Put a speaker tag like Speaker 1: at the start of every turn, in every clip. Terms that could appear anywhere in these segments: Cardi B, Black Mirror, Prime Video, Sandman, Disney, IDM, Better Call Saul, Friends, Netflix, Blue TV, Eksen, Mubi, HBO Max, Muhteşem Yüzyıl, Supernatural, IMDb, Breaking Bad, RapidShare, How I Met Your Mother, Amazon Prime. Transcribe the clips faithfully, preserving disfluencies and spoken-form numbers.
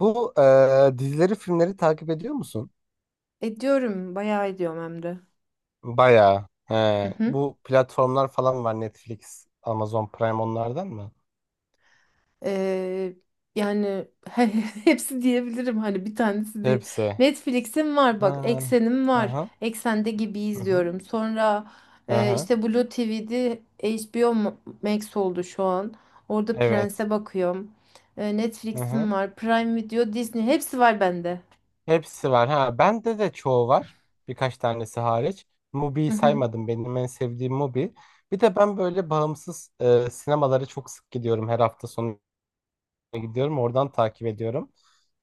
Speaker 1: Bu e, dizileri, filmleri takip ediyor musun?
Speaker 2: Ediyorum, bayağı ediyorum hem de.
Speaker 1: Bayağı. He.
Speaker 2: Hı hı.
Speaker 1: Bu platformlar falan var. Netflix, Amazon Prime onlardan mı?
Speaker 2: Ee, yani he- hepsi diyebilirim hani bir tanesi değil.
Speaker 1: Hepsi.
Speaker 2: Netflix'im var bak,
Speaker 1: Ha.
Speaker 2: Eksen'im var.
Speaker 1: Aha.
Speaker 2: Eksen'de gibi
Speaker 1: Aha.
Speaker 2: izliyorum. Sonra e,
Speaker 1: Aha.
Speaker 2: işte Blue T V'de H B O Ma- Max oldu şu an. Orada
Speaker 1: Evet.
Speaker 2: Prens'e bakıyorum. E,
Speaker 1: Aha.
Speaker 2: Netflix'im var, Prime Video, Disney hepsi var bende.
Speaker 1: Hepsi var. Ha, bende de çoğu var. Birkaç tanesi hariç.
Speaker 2: Hı
Speaker 1: Mubi'yi
Speaker 2: hı.
Speaker 1: saymadım. Benim en sevdiğim Mubi. Bir de ben böyle bağımsız e, sinemalara çok sık gidiyorum. Her hafta sonu gidiyorum. Oradan takip ediyorum.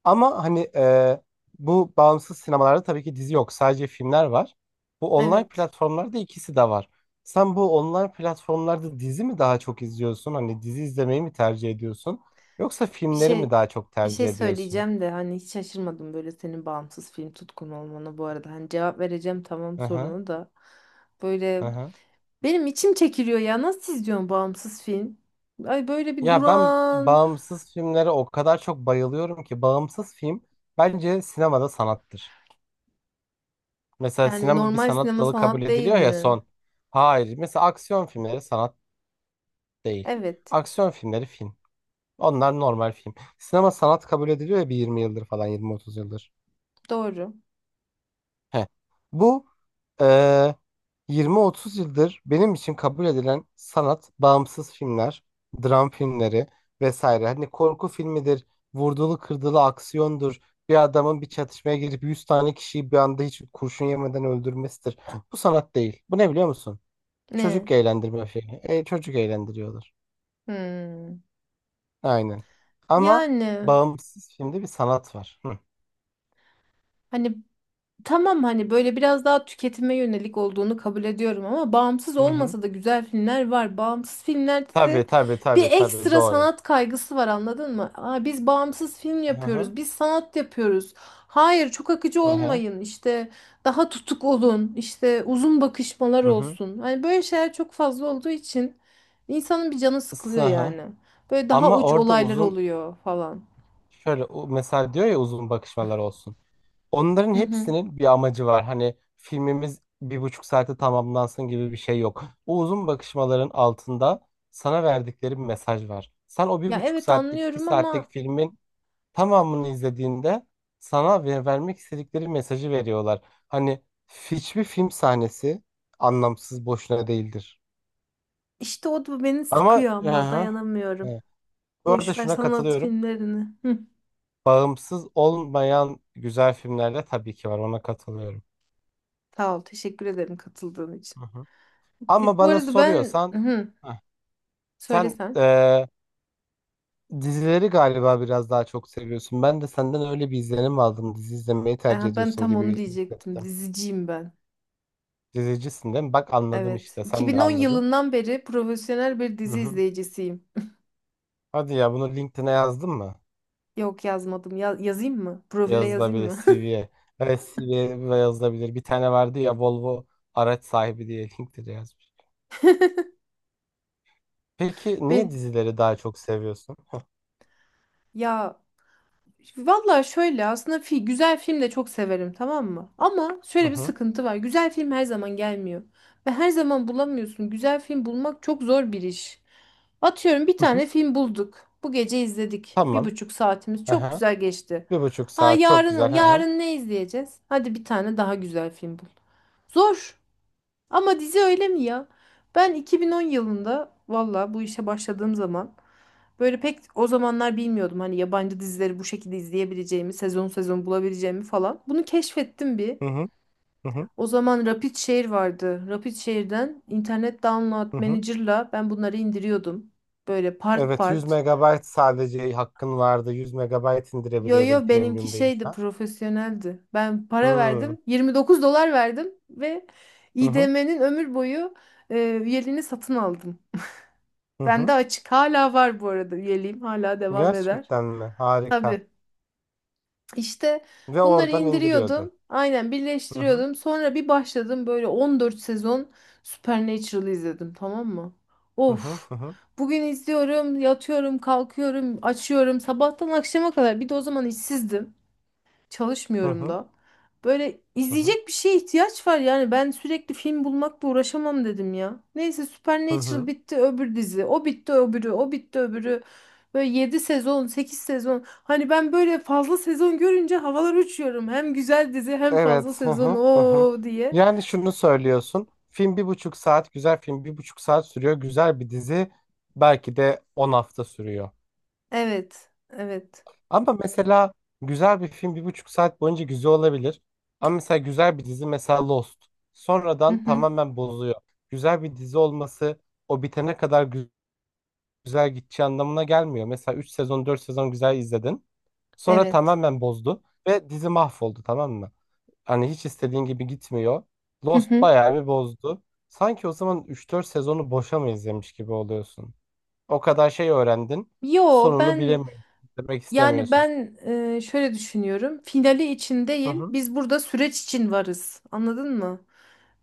Speaker 1: Ama hani e, bu bağımsız sinemalarda tabii ki dizi yok. Sadece filmler var. Bu online
Speaker 2: Evet.
Speaker 1: platformlarda ikisi de var. Sen bu online platformlarda dizi mi daha çok izliyorsun? Hani dizi izlemeyi mi tercih ediyorsun? Yoksa
Speaker 2: Bir
Speaker 1: filmleri mi
Speaker 2: şey
Speaker 1: daha çok
Speaker 2: bir şey
Speaker 1: tercih ediyorsun?
Speaker 2: söyleyeceğim de hani hiç şaşırmadım böyle senin bağımsız film tutkun olmana bu arada. Hani cevap vereceğim, tamam,
Speaker 1: Hı hı,
Speaker 2: sorunu da. Böyle
Speaker 1: hı hı.
Speaker 2: benim içim çekiliyor ya. Nasıl izliyorsun bağımsız film? Ay, böyle bir
Speaker 1: Ya ben
Speaker 2: duran.
Speaker 1: bağımsız filmlere o kadar çok bayılıyorum ki bağımsız film bence sinemada sanattır. Mesela
Speaker 2: Yani
Speaker 1: sinema bir
Speaker 2: normal
Speaker 1: sanat
Speaker 2: sinema
Speaker 1: dalı kabul
Speaker 2: sanat değil
Speaker 1: ediliyor ya
Speaker 2: mi?
Speaker 1: son. Hayır. Mesela aksiyon filmleri sanat değil.
Speaker 2: Evet,
Speaker 1: Aksiyon filmleri film. Onlar normal film. Sinema sanat kabul ediliyor ya bir yirmi yıldır falan yirmi otuz yıldır.
Speaker 2: doğru.
Speaker 1: Heh. Bu eee, yirmi otuz yıldır benim için kabul edilen sanat, bağımsız filmler, dram filmleri vesaire. Hani korku filmidir, vurdulu kırdılı aksiyondur. Bir adamın bir çatışmaya girip yüz tane kişiyi bir anda hiç kurşun yemeden öldürmesidir. Bu sanat değil. Bu ne biliyor musun? Çocuk
Speaker 2: Ne?
Speaker 1: eğlendirme filmi. E, çocuk eğlendiriyorlar.
Speaker 2: Hmm.
Speaker 1: Aynen. Ama
Speaker 2: Yani,
Speaker 1: bağımsız filmde bir sanat var. Hı.
Speaker 2: hani, tamam, hani böyle biraz daha tüketime yönelik olduğunu kabul ediyorum ama bağımsız
Speaker 1: Hı hı.
Speaker 2: olmasa da güzel filmler var. Bağımsız filmlerde
Speaker 1: Tabii
Speaker 2: de
Speaker 1: tabii
Speaker 2: bir
Speaker 1: tabii tabii
Speaker 2: ekstra
Speaker 1: doğru.
Speaker 2: sanat kaygısı var, anladın mı? Aa, biz bağımsız film
Speaker 1: Hı hı.
Speaker 2: yapıyoruz, biz sanat yapıyoruz. Hayır, çok akıcı
Speaker 1: Hı hı.
Speaker 2: olmayın işte, daha tutuk olun işte, uzun bakışmalar
Speaker 1: Hı hı.
Speaker 2: olsun. Hani böyle şeyler çok fazla olduğu için insanın bir canı sıkılıyor
Speaker 1: Isı, hı.
Speaker 2: yani. Böyle daha
Speaker 1: Ama
Speaker 2: uç
Speaker 1: orada
Speaker 2: olaylar
Speaker 1: uzun
Speaker 2: oluyor falan.
Speaker 1: şöyle o- mesela diyor ya uzun bakışmalar olsun. Onların
Speaker 2: Hı hı.
Speaker 1: hepsinin bir amacı var. Hani filmimiz bir buçuk saate tamamlansın gibi bir şey yok. O uzun bakışmaların altında sana verdikleri bir mesaj var. Sen o bir
Speaker 2: Ya
Speaker 1: buçuk
Speaker 2: evet,
Speaker 1: saatlik iki
Speaker 2: anlıyorum
Speaker 1: saatlik
Speaker 2: ama
Speaker 1: filmin tamamını izlediğinde sana ver- vermek istedikleri mesajı veriyorlar. Hani hiçbir film sahnesi anlamsız boşuna değildir.
Speaker 2: İşte o da beni
Speaker 1: Ama
Speaker 2: sıkıyor ama
Speaker 1: aha,
Speaker 2: dayanamıyorum.
Speaker 1: evet. Bu arada
Speaker 2: Boş ver
Speaker 1: şuna
Speaker 2: sanat
Speaker 1: katılıyorum.
Speaker 2: filmlerini. Hı.
Speaker 1: Bağımsız olmayan güzel filmler de tabii ki var. Ona katılıyorum.
Speaker 2: Sağ ol, teşekkür ederim katıldığın için.
Speaker 1: Hı hı. Ama
Speaker 2: Di- Bu
Speaker 1: bana
Speaker 2: arada ben
Speaker 1: soruyorsan
Speaker 2: hı,
Speaker 1: heh, sen
Speaker 2: söylesen.
Speaker 1: eee, dizileri galiba biraz daha çok seviyorsun. Ben de senden öyle bir izlenim aldım. Dizi izlemeyi tercih
Speaker 2: Aha, ben
Speaker 1: ediyorsun
Speaker 2: tam onu
Speaker 1: gibi
Speaker 2: diyecektim.
Speaker 1: hissettim.
Speaker 2: Diziciyim ben.
Speaker 1: Dizicisin değil mi? Bak anladım
Speaker 2: Evet.
Speaker 1: işte. Sen de
Speaker 2: iki bin on
Speaker 1: anladın.
Speaker 2: yılından beri profesyonel bir
Speaker 1: Hı
Speaker 2: dizi
Speaker 1: hı.
Speaker 2: izleyicisiyim.
Speaker 1: Hadi ya bunu LinkedIn'e yazdın mı?
Speaker 2: Yok, yazmadım. Ya- yazayım mı? Profile yazayım
Speaker 1: Yazılabilir
Speaker 2: mı?
Speaker 1: C V'ye. Evet C V'ye yazılabilir. Bir tane vardı ya Volvo araç sahibi diye LinkedIn'e yazmış. Peki niye
Speaker 2: Ben,
Speaker 1: dizileri daha çok seviyorsun?
Speaker 2: ya, valla şöyle aslında fi güzel film de çok severim, tamam mı? Ama
Speaker 1: Hı
Speaker 2: şöyle
Speaker 1: hı.
Speaker 2: bir
Speaker 1: Tamam.
Speaker 2: sıkıntı var. Güzel film her zaman gelmiyor. Ve her zaman bulamıyorsun. Güzel film bulmak çok zor bir iş. Atıyorum, bir
Speaker 1: Hı hı.
Speaker 2: tane film bulduk. Bu gece izledik. Bir
Speaker 1: Tamam.
Speaker 2: buçuk saatimiz çok
Speaker 1: Aha.
Speaker 2: güzel geçti.
Speaker 1: Bir buçuk
Speaker 2: Aa,
Speaker 1: saat çok
Speaker 2: yarın
Speaker 1: güzel. Aha.
Speaker 2: yarın ne izleyeceğiz? Hadi bir tane daha güzel film bul. Zor. Ama dizi öyle mi ya? Ben iki bin on yılında valla bu işe başladığım zaman, böyle pek o zamanlar bilmiyordum hani yabancı dizileri bu şekilde izleyebileceğimi, sezon sezon bulabileceğimi falan. Bunu keşfettim bir.
Speaker 1: Hı hı. Hı hı.
Speaker 2: O zaman RapidShare vardı. RapidShare'den internet download
Speaker 1: Hı hı.
Speaker 2: manager'la ben bunları indiriyordum. Böyle part
Speaker 1: Evet yüz
Speaker 2: part.
Speaker 1: megabayt sadece hakkın vardı. yüz megabayt
Speaker 2: Yo,
Speaker 1: indirebiliyordun
Speaker 2: yo, benimki
Speaker 1: premium
Speaker 2: şeydi,
Speaker 1: değilsen.
Speaker 2: profesyoneldi. Ben para
Speaker 1: Hı.
Speaker 2: verdim. yirmi dokuz dolar verdim ve
Speaker 1: Hı hı.
Speaker 2: I D M'nin ömür boyu e, üyeliğini satın aldım.
Speaker 1: Hı
Speaker 2: Bende
Speaker 1: hı.
Speaker 2: açık hala var, bu arada üyeliğim hala devam eder.
Speaker 1: Gerçekten mi? Harika.
Speaker 2: Tabii işte
Speaker 1: Ve
Speaker 2: bunları
Speaker 1: oradan indiriyordun.
Speaker 2: indiriyordum, aynen
Speaker 1: Hı hı.
Speaker 2: birleştiriyordum, sonra bir başladım böyle on dört sezon Supernatural izledim, tamam mı?
Speaker 1: Hı hı.
Speaker 2: Of,
Speaker 1: Hı hı.
Speaker 2: bugün izliyorum, yatıyorum, kalkıyorum, açıyorum, sabahtan akşama kadar, bir de o zaman işsizdim.
Speaker 1: Hı
Speaker 2: Çalışmıyorum
Speaker 1: hı.
Speaker 2: da. Böyle
Speaker 1: Hı hı.
Speaker 2: izleyecek bir şeye ihtiyaç var yani. Ben sürekli film bulmakla uğraşamam, dedim ya. Neyse,
Speaker 1: Hı
Speaker 2: Supernatural
Speaker 1: hı.
Speaker 2: bitti, öbür dizi. O bitti, öbürü. O bitti, öbürü. Böyle yedi sezon, sekiz sezon. Hani ben böyle fazla sezon görünce havalar uçuyorum. Hem güzel dizi hem
Speaker 1: Evet.
Speaker 2: fazla
Speaker 1: Hı
Speaker 2: sezon
Speaker 1: hı, hı hı.
Speaker 2: o diye.
Speaker 1: Yani şunu söylüyorsun. Film bir buçuk saat güzel film bir buçuk saat sürüyor. Güzel bir dizi belki de on hafta sürüyor.
Speaker 2: Evet. Evet.
Speaker 1: Ama mesela güzel bir film bir buçuk saat boyunca güzel olabilir. Ama mesela güzel bir dizi mesela Lost.
Speaker 2: Hı
Speaker 1: Sonradan
Speaker 2: hı.
Speaker 1: tamamen bozuyor. Güzel bir dizi olması o bitene kadar gü- güzel gideceği anlamına gelmiyor. Mesela üç sezon dört sezon güzel izledin. Sonra
Speaker 2: Evet.
Speaker 1: tamamen bozdu ve dizi mahvoldu tamam mı? Hani hiç istediğin gibi gitmiyor.
Speaker 2: Hı
Speaker 1: Lost
Speaker 2: hı.
Speaker 1: bayağı bir bozdu. Sanki o zaman üç dört sezonu boşa mı izlemiş gibi oluyorsun? O kadar şey öğrendin.
Speaker 2: Yo,
Speaker 1: Sonunu
Speaker 2: ben
Speaker 1: bilemiyorsun. Demek
Speaker 2: Yani
Speaker 1: istemiyorsun.
Speaker 2: ben e, şöyle düşünüyorum. Finali için
Speaker 1: Hı
Speaker 2: değil,
Speaker 1: hı.
Speaker 2: biz burada süreç için varız. Anladın mı?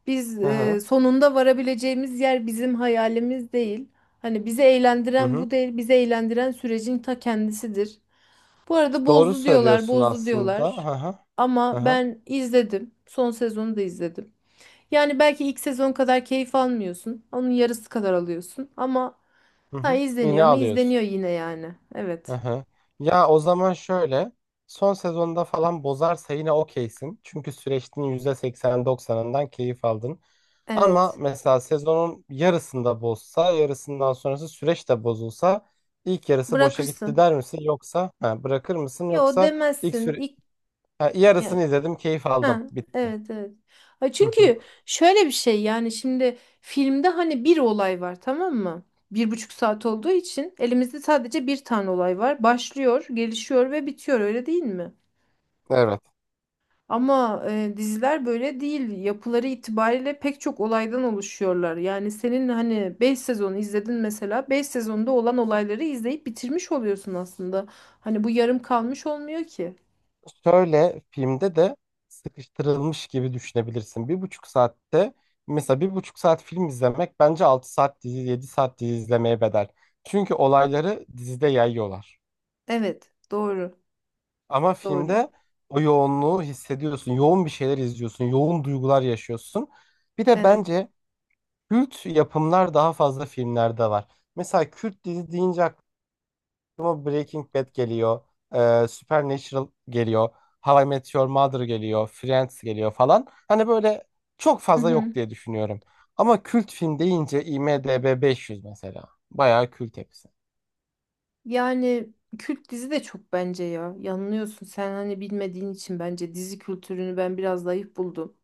Speaker 2: Biz
Speaker 1: Hı hı.
Speaker 2: e, sonunda varabileceğimiz yer bizim hayalimiz değil. Hani bizi
Speaker 1: Hı
Speaker 2: eğlendiren
Speaker 1: hı.
Speaker 2: bu değil, bizi eğlendiren sürecin ta kendisidir. Bu arada
Speaker 1: Doğru
Speaker 2: bozdu diyorlar,
Speaker 1: söylüyorsun
Speaker 2: bozdu
Speaker 1: aslında.
Speaker 2: diyorlar.
Speaker 1: Hı hı. Hı
Speaker 2: Ama
Speaker 1: hı.
Speaker 2: ben izledim. Son sezonu da izledim. Yani belki ilk sezon kadar keyif almıyorsun. Onun yarısı kadar alıyorsun. Ama
Speaker 1: Hı
Speaker 2: ha,
Speaker 1: hı. Yine
Speaker 2: izleniyor mu?
Speaker 1: alıyorsun.
Speaker 2: İzleniyor yine yani.
Speaker 1: Hı
Speaker 2: Evet.
Speaker 1: hı. Ya o zaman şöyle. Son sezonda falan bozarsa yine okeysin. Çünkü süreçtin yüzde seksen doksanından keyif aldın. Ama
Speaker 2: Evet.
Speaker 1: mesela sezonun yarısında bozsa, yarısından sonrası süreç de bozulsa ilk yarısı boşa gitti
Speaker 2: Bırakırsın.
Speaker 1: der misin? Yoksa ha, bırakır mısın?
Speaker 2: Yo,
Speaker 1: Yoksa ilk
Speaker 2: demezsin.
Speaker 1: süre
Speaker 2: İlk,
Speaker 1: ha,
Speaker 2: ya-
Speaker 1: yarısını izledim, keyif aldım,
Speaker 2: ha,
Speaker 1: bitti.
Speaker 2: evet, evet. Ha,
Speaker 1: Hı hı.
Speaker 2: çünkü şöyle bir şey yani, şimdi filmde hani bir olay var, tamam mı? Bir buçuk saat olduğu için elimizde sadece bir tane olay var. Başlıyor, gelişiyor ve bitiyor, öyle değil mi?
Speaker 1: Evet.
Speaker 2: Ama e, diziler böyle değil. Yapıları itibariyle pek çok olaydan oluşuyorlar. Yani senin hani beş sezonu izledin, mesela beş sezonda olan olayları izleyip bitirmiş oluyorsun aslında. Hani bu yarım kalmış olmuyor ki.
Speaker 1: Şöyle filmde de sıkıştırılmış gibi düşünebilirsin. Bir buçuk saatte mesela bir buçuk saat film izlemek bence altı saat dizi, yedi saat dizi izlemeye bedel. Çünkü olayları dizide yayıyorlar.
Speaker 2: Evet, doğru,
Speaker 1: Ama
Speaker 2: doğru.
Speaker 1: filmde o yoğunluğu hissediyorsun. Yoğun bir şeyler izliyorsun. Yoğun duygular yaşıyorsun. Bir de
Speaker 2: Evet.
Speaker 1: bence Kürt yapımlar daha fazla filmlerde var. Mesela Kürt dizi deyince aklıma Breaking Bad geliyor. Ee, Supernatural geliyor. How I Met Your Mother geliyor. Friends geliyor falan. Hani böyle çok
Speaker 2: Hı
Speaker 1: fazla yok
Speaker 2: hı.
Speaker 1: diye düşünüyorum. Ama kült film deyince IMDb beş yüz mesela. Bayağı kült hepsi.
Speaker 2: Yani kült dizi de çok bence ya. Yanılıyorsun. Sen hani bilmediğin için, bence dizi kültürünü ben biraz zayıf buldum.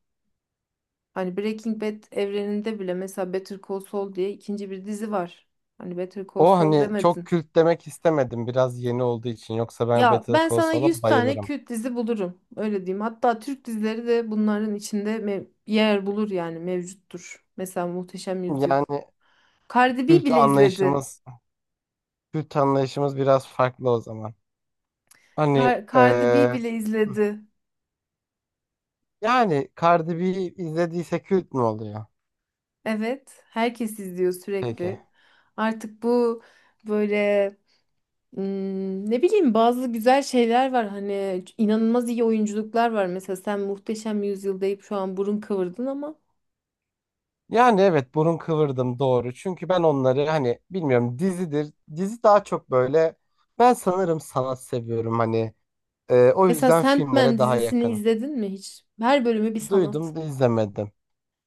Speaker 2: Hani Breaking Bad evreninde bile mesela Better Call Saul diye ikinci bir dizi var. Hani Better Call
Speaker 1: O
Speaker 2: Saul
Speaker 1: hani çok
Speaker 2: demedin.
Speaker 1: kült demek istemedim biraz yeni olduğu için. Yoksa ben
Speaker 2: Ya
Speaker 1: Better
Speaker 2: ben
Speaker 1: Call
Speaker 2: sana
Speaker 1: Saul'a
Speaker 2: yüz tane
Speaker 1: bayılırım.
Speaker 2: kült dizi bulurum. Öyle diyeyim. Hatta Türk dizileri de bunların içinde mev- yer bulur yani, mevcuttur. Mesela Muhteşem Yüzyıl.
Speaker 1: Yani
Speaker 2: Cardi B
Speaker 1: kült
Speaker 2: bile izledi.
Speaker 1: anlayışımız Kült anlayışımız biraz farklı o zaman. Hani
Speaker 2: Car- Cardi B
Speaker 1: eee,
Speaker 2: bile izledi.
Speaker 1: yani Cardi B'yi izlediyse kült mü oluyor?
Speaker 2: Evet, herkes izliyor
Speaker 1: Peki.
Speaker 2: sürekli. Artık bu böyle, ım, ne bileyim, bazı güzel şeyler var, hani inanılmaz iyi oyunculuklar var. Mesela sen Muhteşem Yüzyıl deyip şu an burun kıvırdın ama
Speaker 1: Yani evet burun kıvırdım doğru. Çünkü ben onları hani bilmiyorum dizidir. Dizi daha çok böyle ben sanırım sanat seviyorum hani. Eee, o
Speaker 2: mesela
Speaker 1: yüzden
Speaker 2: Sandman
Speaker 1: filmlere daha
Speaker 2: dizisini
Speaker 1: yakınım.
Speaker 2: izledin mi hiç? Her bölümü bir sanat.
Speaker 1: Duydum da izlemedim.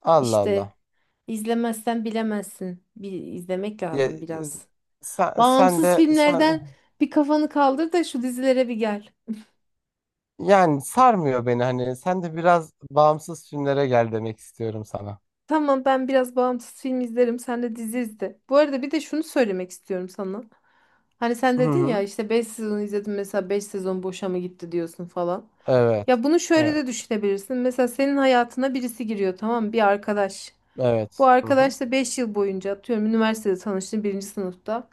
Speaker 1: Allah
Speaker 2: İşte
Speaker 1: Allah.
Speaker 2: izlemezsen bilemezsin. Bir izlemek
Speaker 1: Ya,
Speaker 2: lazım
Speaker 1: z-
Speaker 2: biraz.
Speaker 1: sen, sen de
Speaker 2: Bağımsız
Speaker 1: sen
Speaker 2: filmlerden bir kafanı kaldır da şu dizilere bir gel.
Speaker 1: yani sarmıyor beni hani sen de biraz bağımsız filmlere gel demek istiyorum sana.
Speaker 2: Tamam, ben biraz bağımsız film izlerim. Sen de dizi izle. Bu arada bir de şunu söylemek istiyorum sana. Hani sen
Speaker 1: Hı
Speaker 2: dedin ya
Speaker 1: hı.
Speaker 2: işte beş sezon izledim, mesela beş sezon boşa mı gitti diyorsun falan.
Speaker 1: Evet.
Speaker 2: Ya bunu şöyle
Speaker 1: Evet.
Speaker 2: de düşünebilirsin. Mesela senin hayatına birisi giriyor, tamam mı? Bir arkadaş. Bu
Speaker 1: Evet. Hı hı.
Speaker 2: arkadaşla beş yıl boyunca, atıyorum, üniversitede tanıştın birinci sınıfta.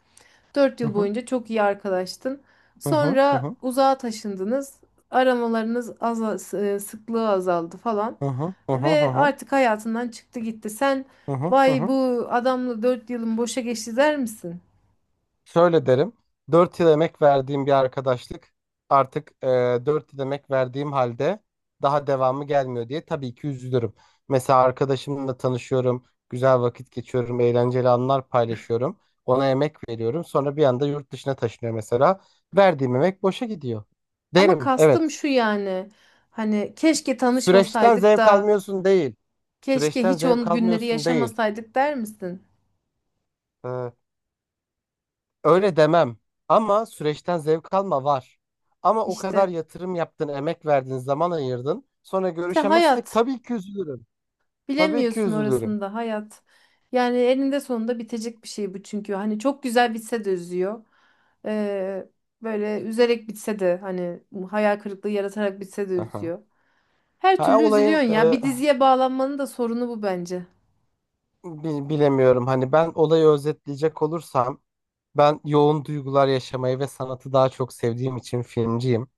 Speaker 2: Dört
Speaker 1: Hı
Speaker 2: yıl
Speaker 1: hı.
Speaker 2: boyunca çok iyi arkadaştın.
Speaker 1: Hı hı. Hı
Speaker 2: Sonra
Speaker 1: hı.
Speaker 2: uzağa taşındınız. Aramalarınız, azal, s- e, sıklığı azaldı falan.
Speaker 1: Hı hı. Hı hı. Hı
Speaker 2: Ve
Speaker 1: hı.
Speaker 2: artık hayatından çıktı gitti. Sen,
Speaker 1: Hı hı. Hı
Speaker 2: "vay
Speaker 1: hı.
Speaker 2: bu adamla dört yılım boşa geçti" der misin?
Speaker 1: Şöyle derim. Dört yıl emek verdiğim bir arkadaşlık artık e, dört yıl emek verdiğim halde daha devamı gelmiyor diye tabii ki üzülürüm. Mesela arkadaşımla tanışıyorum, güzel vakit geçiyorum, eğlenceli anlar paylaşıyorum. Ona emek veriyorum. Sonra bir anda yurt dışına taşınıyor mesela. Verdiğim emek boşa gidiyor.
Speaker 2: Ama
Speaker 1: Derim,
Speaker 2: kastım
Speaker 1: evet.
Speaker 2: şu yani. Hani keşke
Speaker 1: Süreçten
Speaker 2: tanışmasaydık
Speaker 1: zevk
Speaker 2: da,
Speaker 1: almıyorsun değil.
Speaker 2: keşke
Speaker 1: Süreçten
Speaker 2: hiç
Speaker 1: zevk
Speaker 2: onun günleri
Speaker 1: almıyorsun değil.
Speaker 2: yaşamasaydık der misin?
Speaker 1: Ee, öyle demem. Ama süreçten zevk alma var. Ama o kadar
Speaker 2: İşte.
Speaker 1: yatırım yaptın, emek verdin, zaman ayırdın. Sonra
Speaker 2: İşte
Speaker 1: görüşemezsek
Speaker 2: hayat.
Speaker 1: tabii ki üzülürüm. Tabii ki
Speaker 2: Bilemiyorsun
Speaker 1: üzülürüm.
Speaker 2: orasında hayat. Yani eninde sonunda bitecek bir şey bu çünkü. Hani çok güzel bitse de üzüyor. Ee, böyle üzerek bitse de, hani hayal kırıklığı yaratarak bitse de
Speaker 1: Aha.
Speaker 2: üzüyor. Her
Speaker 1: Ha,
Speaker 2: türlü
Speaker 1: olayın
Speaker 2: üzülüyorsun ya.
Speaker 1: e,
Speaker 2: Bir diziye bağlanmanın da sorunu bu bence.
Speaker 1: bi- bilemiyorum. Hani ben olayı özetleyecek olursam ben yoğun duygular yaşamayı ve sanatı daha çok sevdiğim için filmciyim.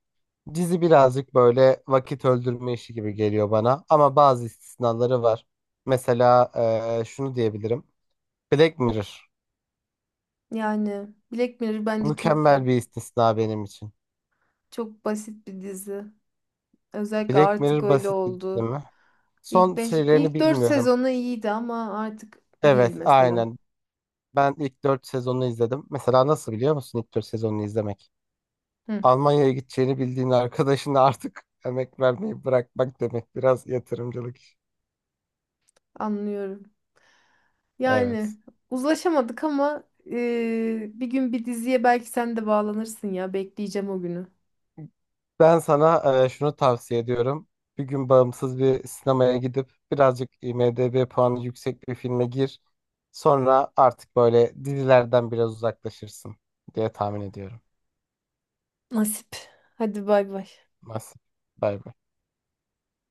Speaker 1: Dizi birazcık böyle vakit öldürme işi gibi geliyor bana ama bazı istisnaları var. Mesela eee, şunu diyebilirim. Black Mirror
Speaker 2: Yani Black Mirror bence çok
Speaker 1: mükemmel bir istisna benim için.
Speaker 2: çok basit bir dizi. Özellikle
Speaker 1: Black
Speaker 2: artık
Speaker 1: Mirror
Speaker 2: öyle
Speaker 1: basit bir dizi
Speaker 2: oldu.
Speaker 1: mi?
Speaker 2: İlk
Speaker 1: Son
Speaker 2: beş
Speaker 1: şeylerini
Speaker 2: ilk dört
Speaker 1: bilmiyorum.
Speaker 2: sezonu iyiydi ama artık değil
Speaker 1: Evet,
Speaker 2: mesela.
Speaker 1: aynen. Ben ilk dört sezonunu izledim. Mesela nasıl biliyor musun ilk dört sezonunu izlemek?
Speaker 2: Hı,
Speaker 1: Almanya'ya gideceğini bildiğin arkadaşına artık emek vermeyi bırakmak demek. Biraz yatırımcılık işi.
Speaker 2: anlıyorum. Yani
Speaker 1: Evet.
Speaker 2: uzlaşamadık ama eee, bir gün bir diziye belki sen de bağlanırsın ya. Bekleyeceğim o günü.
Speaker 1: Ben sana e, şunu tavsiye ediyorum. Bir gün bağımsız bir sinemaya gidip birazcık IMDb puanı yüksek bir filme gir. Sonra artık böyle dizilerden biraz uzaklaşırsın diye tahmin ediyorum.
Speaker 2: Nasip. Hadi bay bay.
Speaker 1: Nasıl? Bay bay.